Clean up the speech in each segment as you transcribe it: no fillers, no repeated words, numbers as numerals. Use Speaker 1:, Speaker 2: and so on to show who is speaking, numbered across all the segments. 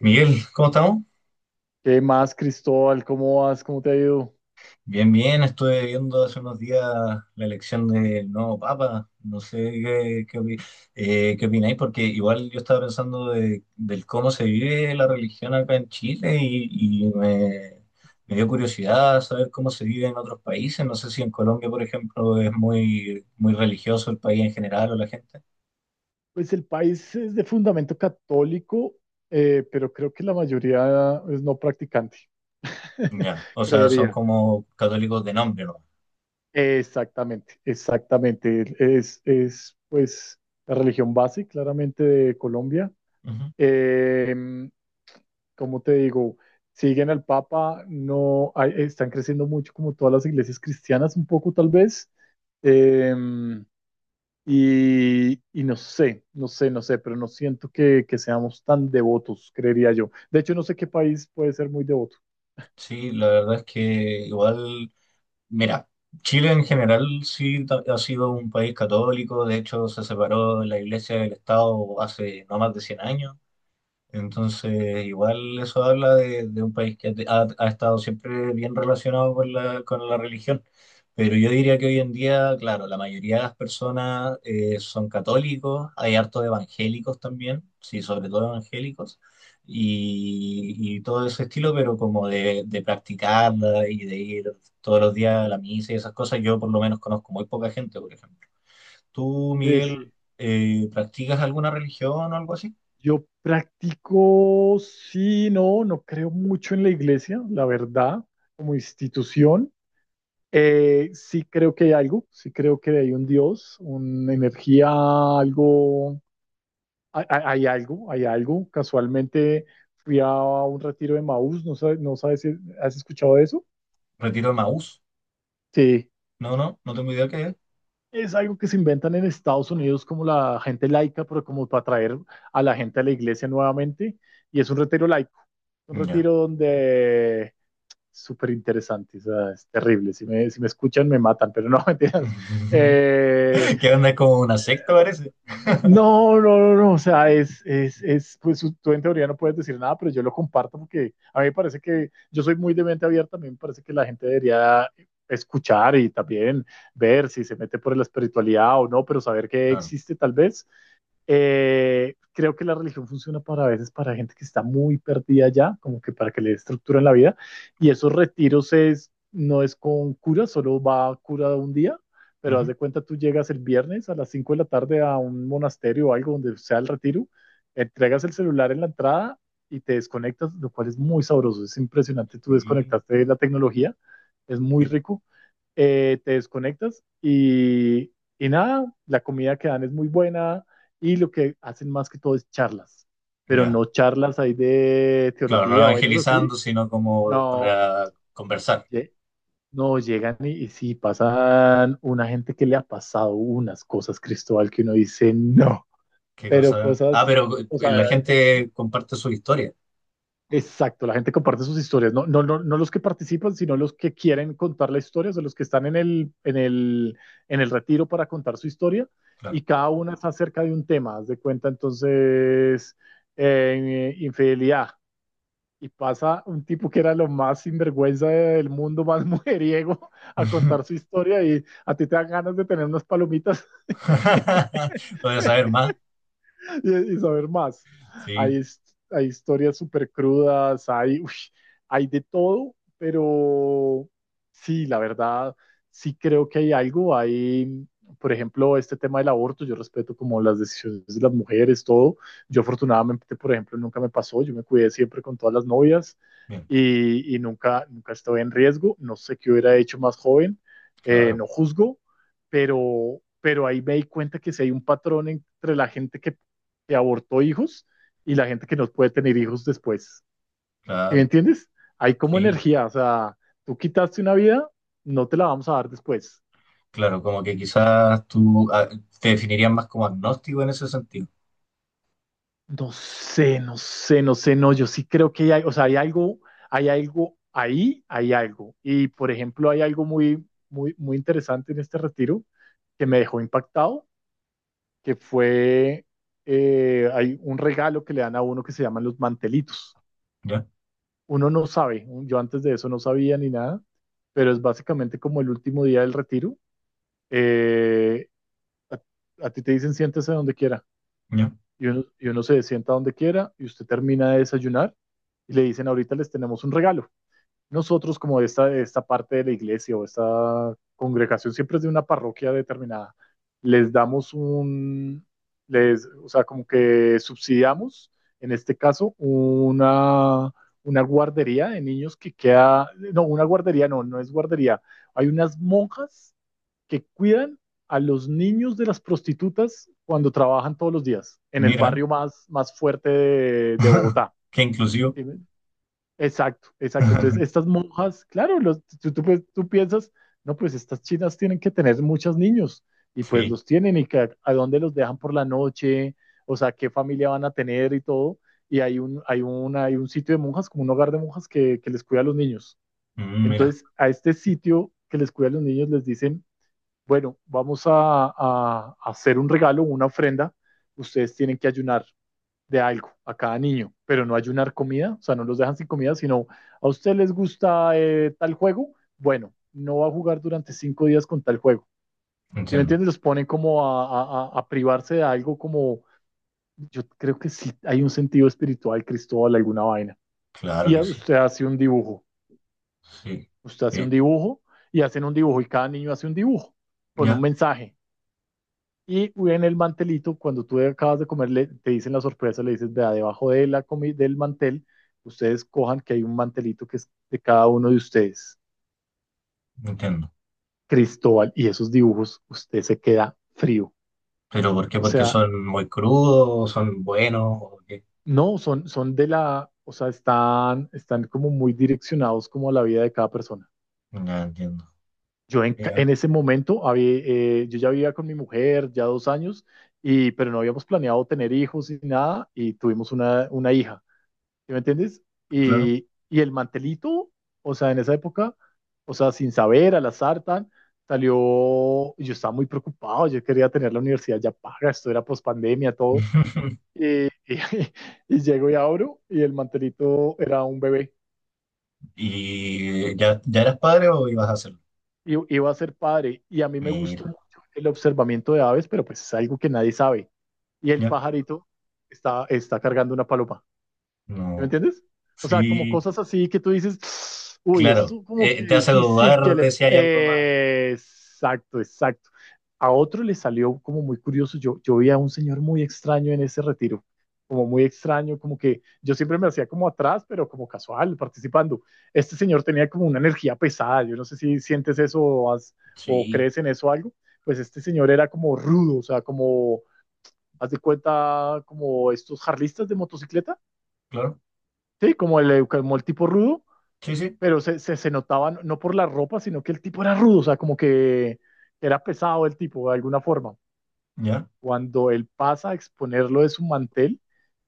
Speaker 1: Miguel, ¿cómo estamos?
Speaker 2: ¿Qué más, Cristóbal? ¿Cómo vas? ¿Cómo te ha ido?
Speaker 1: Bien, bien, estuve viendo hace unos días la elección del nuevo Papa, no sé qué opináis, porque igual yo estaba pensando del cómo se vive la religión acá en Chile, y me dio curiosidad saber cómo se vive en otros países, no sé si en Colombia, por ejemplo, es muy, muy religioso el país en general o la gente.
Speaker 2: Pues el país es de fundamento católico, pero creo que la mayoría es no practicante,
Speaker 1: Ya, o sea, son
Speaker 2: creería.
Speaker 1: como católicos de nombre, ¿no?
Speaker 2: Exactamente, exactamente. Es pues la religión base, claramente, de Colombia.
Speaker 1: Ujú.
Speaker 2: Em, ¿Cómo te digo? Siguen al Papa, no hay- están creciendo mucho como todas las iglesias cristianas, un poco tal vez. Eh, y no sé, pero no siento que seamos tan devotos, creería yo. De hecho, no sé qué país puede ser muy devoto.
Speaker 1: Sí, la verdad es que igual. Mira, Chile en general sí ha sido un país católico, de hecho se separó la iglesia del Estado hace no más de 100 años, entonces, igual eso habla de un país que ha estado siempre bien relacionado con la religión. Pero yo diría que hoy en día, claro, la mayoría de las personas son católicos, hay harto de evangélicos también, sí, sobre todo evangélicos, y todo ese estilo, pero como de practicarla y de ir todos los días a la misa y esas cosas, yo por lo menos conozco muy poca gente, por ejemplo. ¿Tú,
Speaker 2: Sí,
Speaker 1: Miguel,
Speaker 2: sí.
Speaker 1: practicas alguna religión o algo así?
Speaker 2: Yo practico, sí, no creo mucho en la iglesia, la verdad, como institución. Sí creo que hay algo, sí creo que hay un Dios, una energía, algo, hay algo, hay algo. Casualmente fui a un retiro de Maús, no sabes si has escuchado de eso.
Speaker 1: Retiro de Maús.
Speaker 2: Sí.
Speaker 1: No, no, no tengo idea qué es.
Speaker 2: Es algo que se inventan en Estados Unidos como la gente laica, pero como para atraer a la gente a la iglesia nuevamente. Y es un retiro laico, un
Speaker 1: Ya.
Speaker 2: retiro donde súper interesante, o sea, es terrible. Si me escuchan me matan, pero no, mentiras. Eh,
Speaker 1: ¿Qué onda? Es como una secta, parece.
Speaker 2: no, no, no, no, o sea, es pues tú en teoría no puedes decir nada, pero yo lo comparto porque a mí me parece que yo soy muy de mente abierta, a mí me parece que la gente debería escuchar y también ver si se mete por la espiritualidad o no, pero saber que
Speaker 1: Claro.
Speaker 2: existe tal vez. Creo que la religión funciona para a veces para gente que está muy perdida ya, como que para que le estructuren la vida, y esos retiros es, no es con cura, solo va a cura un día, pero haz
Speaker 1: Ujú.
Speaker 2: de cuenta tú llegas el viernes a las 5 de la tarde a un monasterio o algo donde sea el retiro, entregas el celular en la entrada y te desconectas, lo cual es muy sabroso, es impresionante, tú
Speaker 1: Y-
Speaker 2: desconectaste de la tecnología, es muy
Speaker 1: y-
Speaker 2: rico. Te desconectas y nada, la comida que dan es muy buena y lo que hacen más que todo es charlas, pero
Speaker 1: ya.
Speaker 2: no charlas ahí de
Speaker 1: Claro, no
Speaker 2: teología o algo
Speaker 1: evangelizando,
Speaker 2: así.
Speaker 1: sino como
Speaker 2: No,
Speaker 1: para conversar.
Speaker 2: ye- no, llegan y sí, pasan una gente que le ha pasado unas cosas, Cristóbal, que uno dice no,
Speaker 1: ¿Qué
Speaker 2: pero
Speaker 1: cosa? Ah,
Speaker 2: cosas,
Speaker 1: pero
Speaker 2: o sea,
Speaker 1: la gente comparte su historia.
Speaker 2: exacto, la gente comparte sus historias, no, no, no, no los que participan, sino los que quieren contar la historia, o sea, los que están en el retiro para contar su historia,
Speaker 1: Claro.
Speaker 2: y cada una está acerca de un tema, haz de cuenta, entonces, infidelidad, y pasa un tipo que era lo más sinvergüenza del mundo, más mujeriego, a
Speaker 1: Ujú.
Speaker 2: contar su historia y a ti te dan ganas de tener unas palomitas.
Speaker 1: Voy a saber más.
Speaker 2: Y saber más. Hay,
Speaker 1: Sí,
Speaker 2: his- Hay historias súper crudas, hay, uy, hay de todo, pero sí, la verdad, sí creo que hay algo. Hay, por ejemplo, este tema del aborto, yo respeto como las decisiones de las mujeres, todo. Yo afortunadamente, por ejemplo, nunca me pasó, yo me cuidé siempre con todas las novias
Speaker 1: bien,
Speaker 2: y nunca, nunca estuve en riesgo. No sé qué hubiera hecho más joven,
Speaker 1: claro,
Speaker 2: no juzgo, pero ahí me di cuenta que si hay un patrón entre la gente que abortó hijos y la gente que no puede tener hijos después. ¿Sí? ¿Me
Speaker 1: claro.
Speaker 2: entiendes? Hay como
Speaker 1: Sí,
Speaker 2: energía, o sea, tú quitaste una vida, no te la vamos a dar después.
Speaker 1: claro, como que quizás tú te definirías más como agnóstico en ese sentido.
Speaker 2: No sé, no, yo sí creo que hay, o sea, hay algo ahí, hay algo. Y por ejemplo, hay algo muy, muy, muy interesante en este retiro que me dejó impactado, que fue, hay un regalo que le dan a uno que se llaman los mantelitos.
Speaker 1: Ya,
Speaker 2: Uno no sabe, yo antes de eso no sabía ni nada, pero es básicamente como el último día del retiro. Eh, a, a ti te dicen siéntese donde quiera
Speaker 1: ya.
Speaker 2: y uno se sienta donde quiera y usted termina de desayunar y le dicen ahorita les tenemos un regalo, nosotros como esta parte de la iglesia o esta congregación siempre es de una parroquia determinada, les damos un, les, o sea, como que subsidiamos, en este caso, una guardería de niños que queda, no, una guardería no, no es guardería, hay unas monjas que cuidan a los niños de las prostitutas cuando trabajan todos los días en el
Speaker 1: Mira.
Speaker 2: barrio más, más fuerte de Bogotá.
Speaker 1: Qué inclusivo.
Speaker 2: ¿Sí? Exacto, exacto. Entonces, estas monjas, claro, los, pues, tú piensas, no, pues estas chinas tienen que tener muchos niños y pues
Speaker 1: Sí.
Speaker 2: los tienen y que, a dónde los dejan por la noche, o sea, qué familia van a tener y todo. Y hay un sitio de monjas, como un hogar de monjas que les cuida a los niños.
Speaker 1: Mira,
Speaker 2: Entonces, a este sitio que les cuida a los niños les dicen, bueno, vamos a, a hacer un regalo, una ofrenda, ustedes tienen que ayunar de algo a cada niño, pero no ayunar comida, o sea, no los dejan sin comida, sino a usted les gusta tal juego, bueno, no va a jugar durante 5 días con tal juego. ¿Sí me
Speaker 1: entiendo.
Speaker 2: entiendes? Los ponen como a, a privarse de algo como, yo creo que sí hay un sentido espiritual, Cristóbal, alguna vaina.
Speaker 1: Claro
Speaker 2: Y
Speaker 1: que
Speaker 2: a-
Speaker 1: sí.
Speaker 2: usted hace un dibujo,
Speaker 1: Sí.
Speaker 2: usted hace
Speaker 1: Eh,
Speaker 2: un dibujo y hacen un dibujo y cada niño hace un dibujo con un
Speaker 1: ya,
Speaker 2: mensaje. Y en el mantelito, cuando tú acabas de comer, te dicen la sorpresa, le dices, vea, debajo de la del mantel, ustedes cojan que hay un mantelito que es de cada uno de ustedes.
Speaker 1: entiendo.
Speaker 2: Cristóbal, y esos dibujos, usted se queda frío.
Speaker 1: ¿Pero por qué?
Speaker 2: O
Speaker 1: ¿Porque
Speaker 2: sea,
Speaker 1: son muy crudos? ¿Son buenos? ¿O qué?
Speaker 2: no, son, son de la, o sea, están, están como muy direccionados como a la vida de cada persona.
Speaker 1: Ya entiendo.
Speaker 2: Yo en, ca-
Speaker 1: Mira,
Speaker 2: en ese momento, había, yo ya vivía con mi mujer, ya 2 años, y, pero no habíamos planeado tener hijos ni nada, y tuvimos una hija. ¿Sí me entiendes?
Speaker 1: claro.
Speaker 2: Y el mantelito, o sea, en esa época, o sea, sin saber, al azar, tan, salió, y yo estaba muy preocupado, yo quería tener la universidad ya paga, esto era pospandemia, todo, y, y, y llego y abro, y el mantelito era un bebé,
Speaker 1: ¿Y ya, ya eras padre o ibas a hacerlo?
Speaker 2: y iba a ser padre, y a mí me
Speaker 1: Mira,
Speaker 2: gustó mucho el observamiento de aves, pero pues es algo que nadie sabe, y el
Speaker 1: ya.
Speaker 2: pajarito está, está cargando una paloma. ¿Sí? ¿Me
Speaker 1: No.
Speaker 2: entiendes? O sea, como
Speaker 1: Sí,
Speaker 2: cosas así que tú dices, uy,
Speaker 1: claro.
Speaker 2: esto como que
Speaker 1: Te hace
Speaker 2: difícil que
Speaker 1: dudar de
Speaker 2: le...
Speaker 1: si hay algo más.
Speaker 2: Exacto, exacto. A otro le salió como muy curioso. Yo vi a un señor muy extraño en ese retiro, como muy extraño, como que yo siempre me hacía como atrás, pero como casual, participando. Este señor tenía como una energía pesada. Yo no sé si sientes eso o, has- o
Speaker 1: Sí,
Speaker 2: crees en eso o algo. Pues este señor era como rudo, o sea, como, haz de cuenta, como estos jarlistas de motocicleta.
Speaker 1: claro.
Speaker 2: Sí, como el tipo rudo,
Speaker 1: Sí, sí.
Speaker 2: pero se notaba no por la ropa, sino que el tipo era rudo, o sea, como que era pesado el tipo de alguna forma.
Speaker 1: Ya.
Speaker 2: Cuando él pasa a exponerlo de su mantel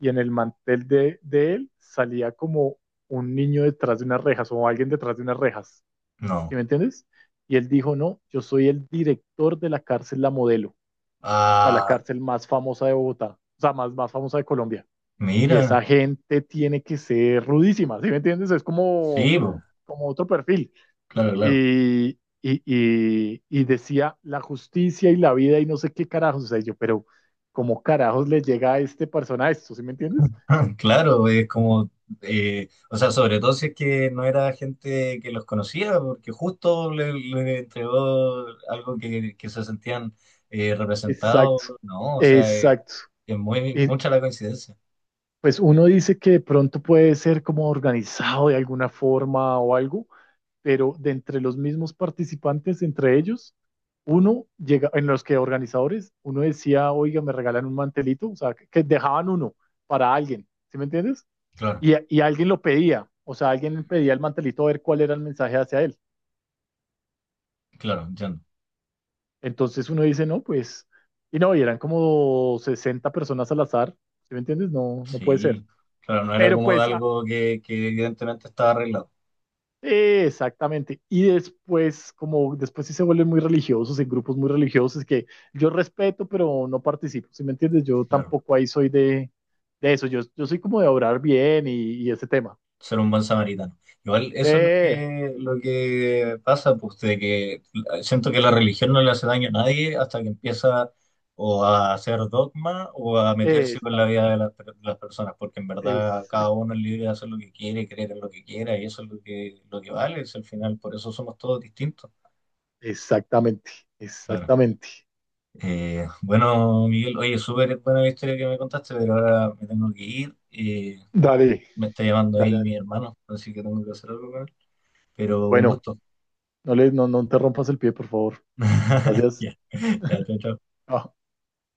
Speaker 2: y en el mantel de él salía como un niño detrás de unas rejas o alguien detrás de unas rejas, ¿sí
Speaker 1: No.
Speaker 2: me entiendes? Y él dijo, no, yo soy el director de la cárcel La Modelo, o sea, la
Speaker 1: Ah,
Speaker 2: cárcel más famosa de Bogotá, o sea, más, más famosa de Colombia, y
Speaker 1: mira.
Speaker 2: esa gente tiene que ser rudísima, ¿sí me entiendes? Es como,
Speaker 1: Sí, po.
Speaker 2: como otro perfil.
Speaker 1: Claro, claro.
Speaker 2: Y decía la justicia y la vida y no sé qué carajos, o sea, yo, pero ¿cómo carajos le llega a este persona esto? ¿Sí me entiendes?
Speaker 1: Claro, es como, o sea, sobre todo si es que no era gente que los conocía, porque justo le entregó algo que se sentían representados,
Speaker 2: Exacto,
Speaker 1: ¿no? O sea,
Speaker 2: exacto.
Speaker 1: es muy
Speaker 2: Y
Speaker 1: mucha la coincidencia.
Speaker 2: pues uno dice que de pronto puede ser como organizado de alguna forma o algo, pero de entre los mismos participantes, entre ellos, uno llega, en los que organizadores, uno decía, oiga, me regalan un mantelito, o sea, que dejaban uno para alguien, ¿sí me entiendes?
Speaker 1: Claro,
Speaker 2: Y y alguien lo pedía, o sea, alguien pedía el mantelito a ver cuál era el mensaje hacia él.
Speaker 1: claro, entiendo.
Speaker 2: Entonces uno dice, no, pues, y no, y eran como 60 personas al azar, ¿sí me entiendes? No, no puede ser.
Speaker 1: Sí, claro, no era
Speaker 2: Pero
Speaker 1: como de
Speaker 2: pues
Speaker 1: algo que evidentemente estaba arreglado.
Speaker 2: exactamente. Y después, como después sí se vuelven muy religiosos, en grupos muy religiosos que yo respeto, pero no participo, ¿sí me entiendes? Yo
Speaker 1: Claro.
Speaker 2: tampoco ahí soy de eso, yo soy como de orar bien y ese tema.
Speaker 1: Ser un buen samaritano. Igual eso es lo
Speaker 2: Sí,
Speaker 1: que, lo que pasa, pues de que siento que la religión no le hace daño a nadie hasta que empieza o a hacer dogma o a meterse con la
Speaker 2: exacto,
Speaker 1: vida de las personas, porque en verdad cada
Speaker 2: exacto,
Speaker 1: uno es libre de hacer lo que quiere, creer en lo que quiera, y eso es lo que vale, es al final, por eso somos todos distintos.
Speaker 2: exactamente,
Speaker 1: Claro.
Speaker 2: exactamente.
Speaker 1: Bueno, Miguel, oye, súper buena la historia que me contaste, pero ahora me tengo que ir.
Speaker 2: Dale,
Speaker 1: Me está llamando
Speaker 2: dale,
Speaker 1: ahí
Speaker 2: dale.
Speaker 1: mi hermano, así que tengo que hacer algo con él. Pero un
Speaker 2: Bueno,
Speaker 1: gusto.
Speaker 2: no, le, no, no te rompas el pie, por favor. Gracias.
Speaker 1: Ya, ya, chao, chao.
Speaker 2: Chao.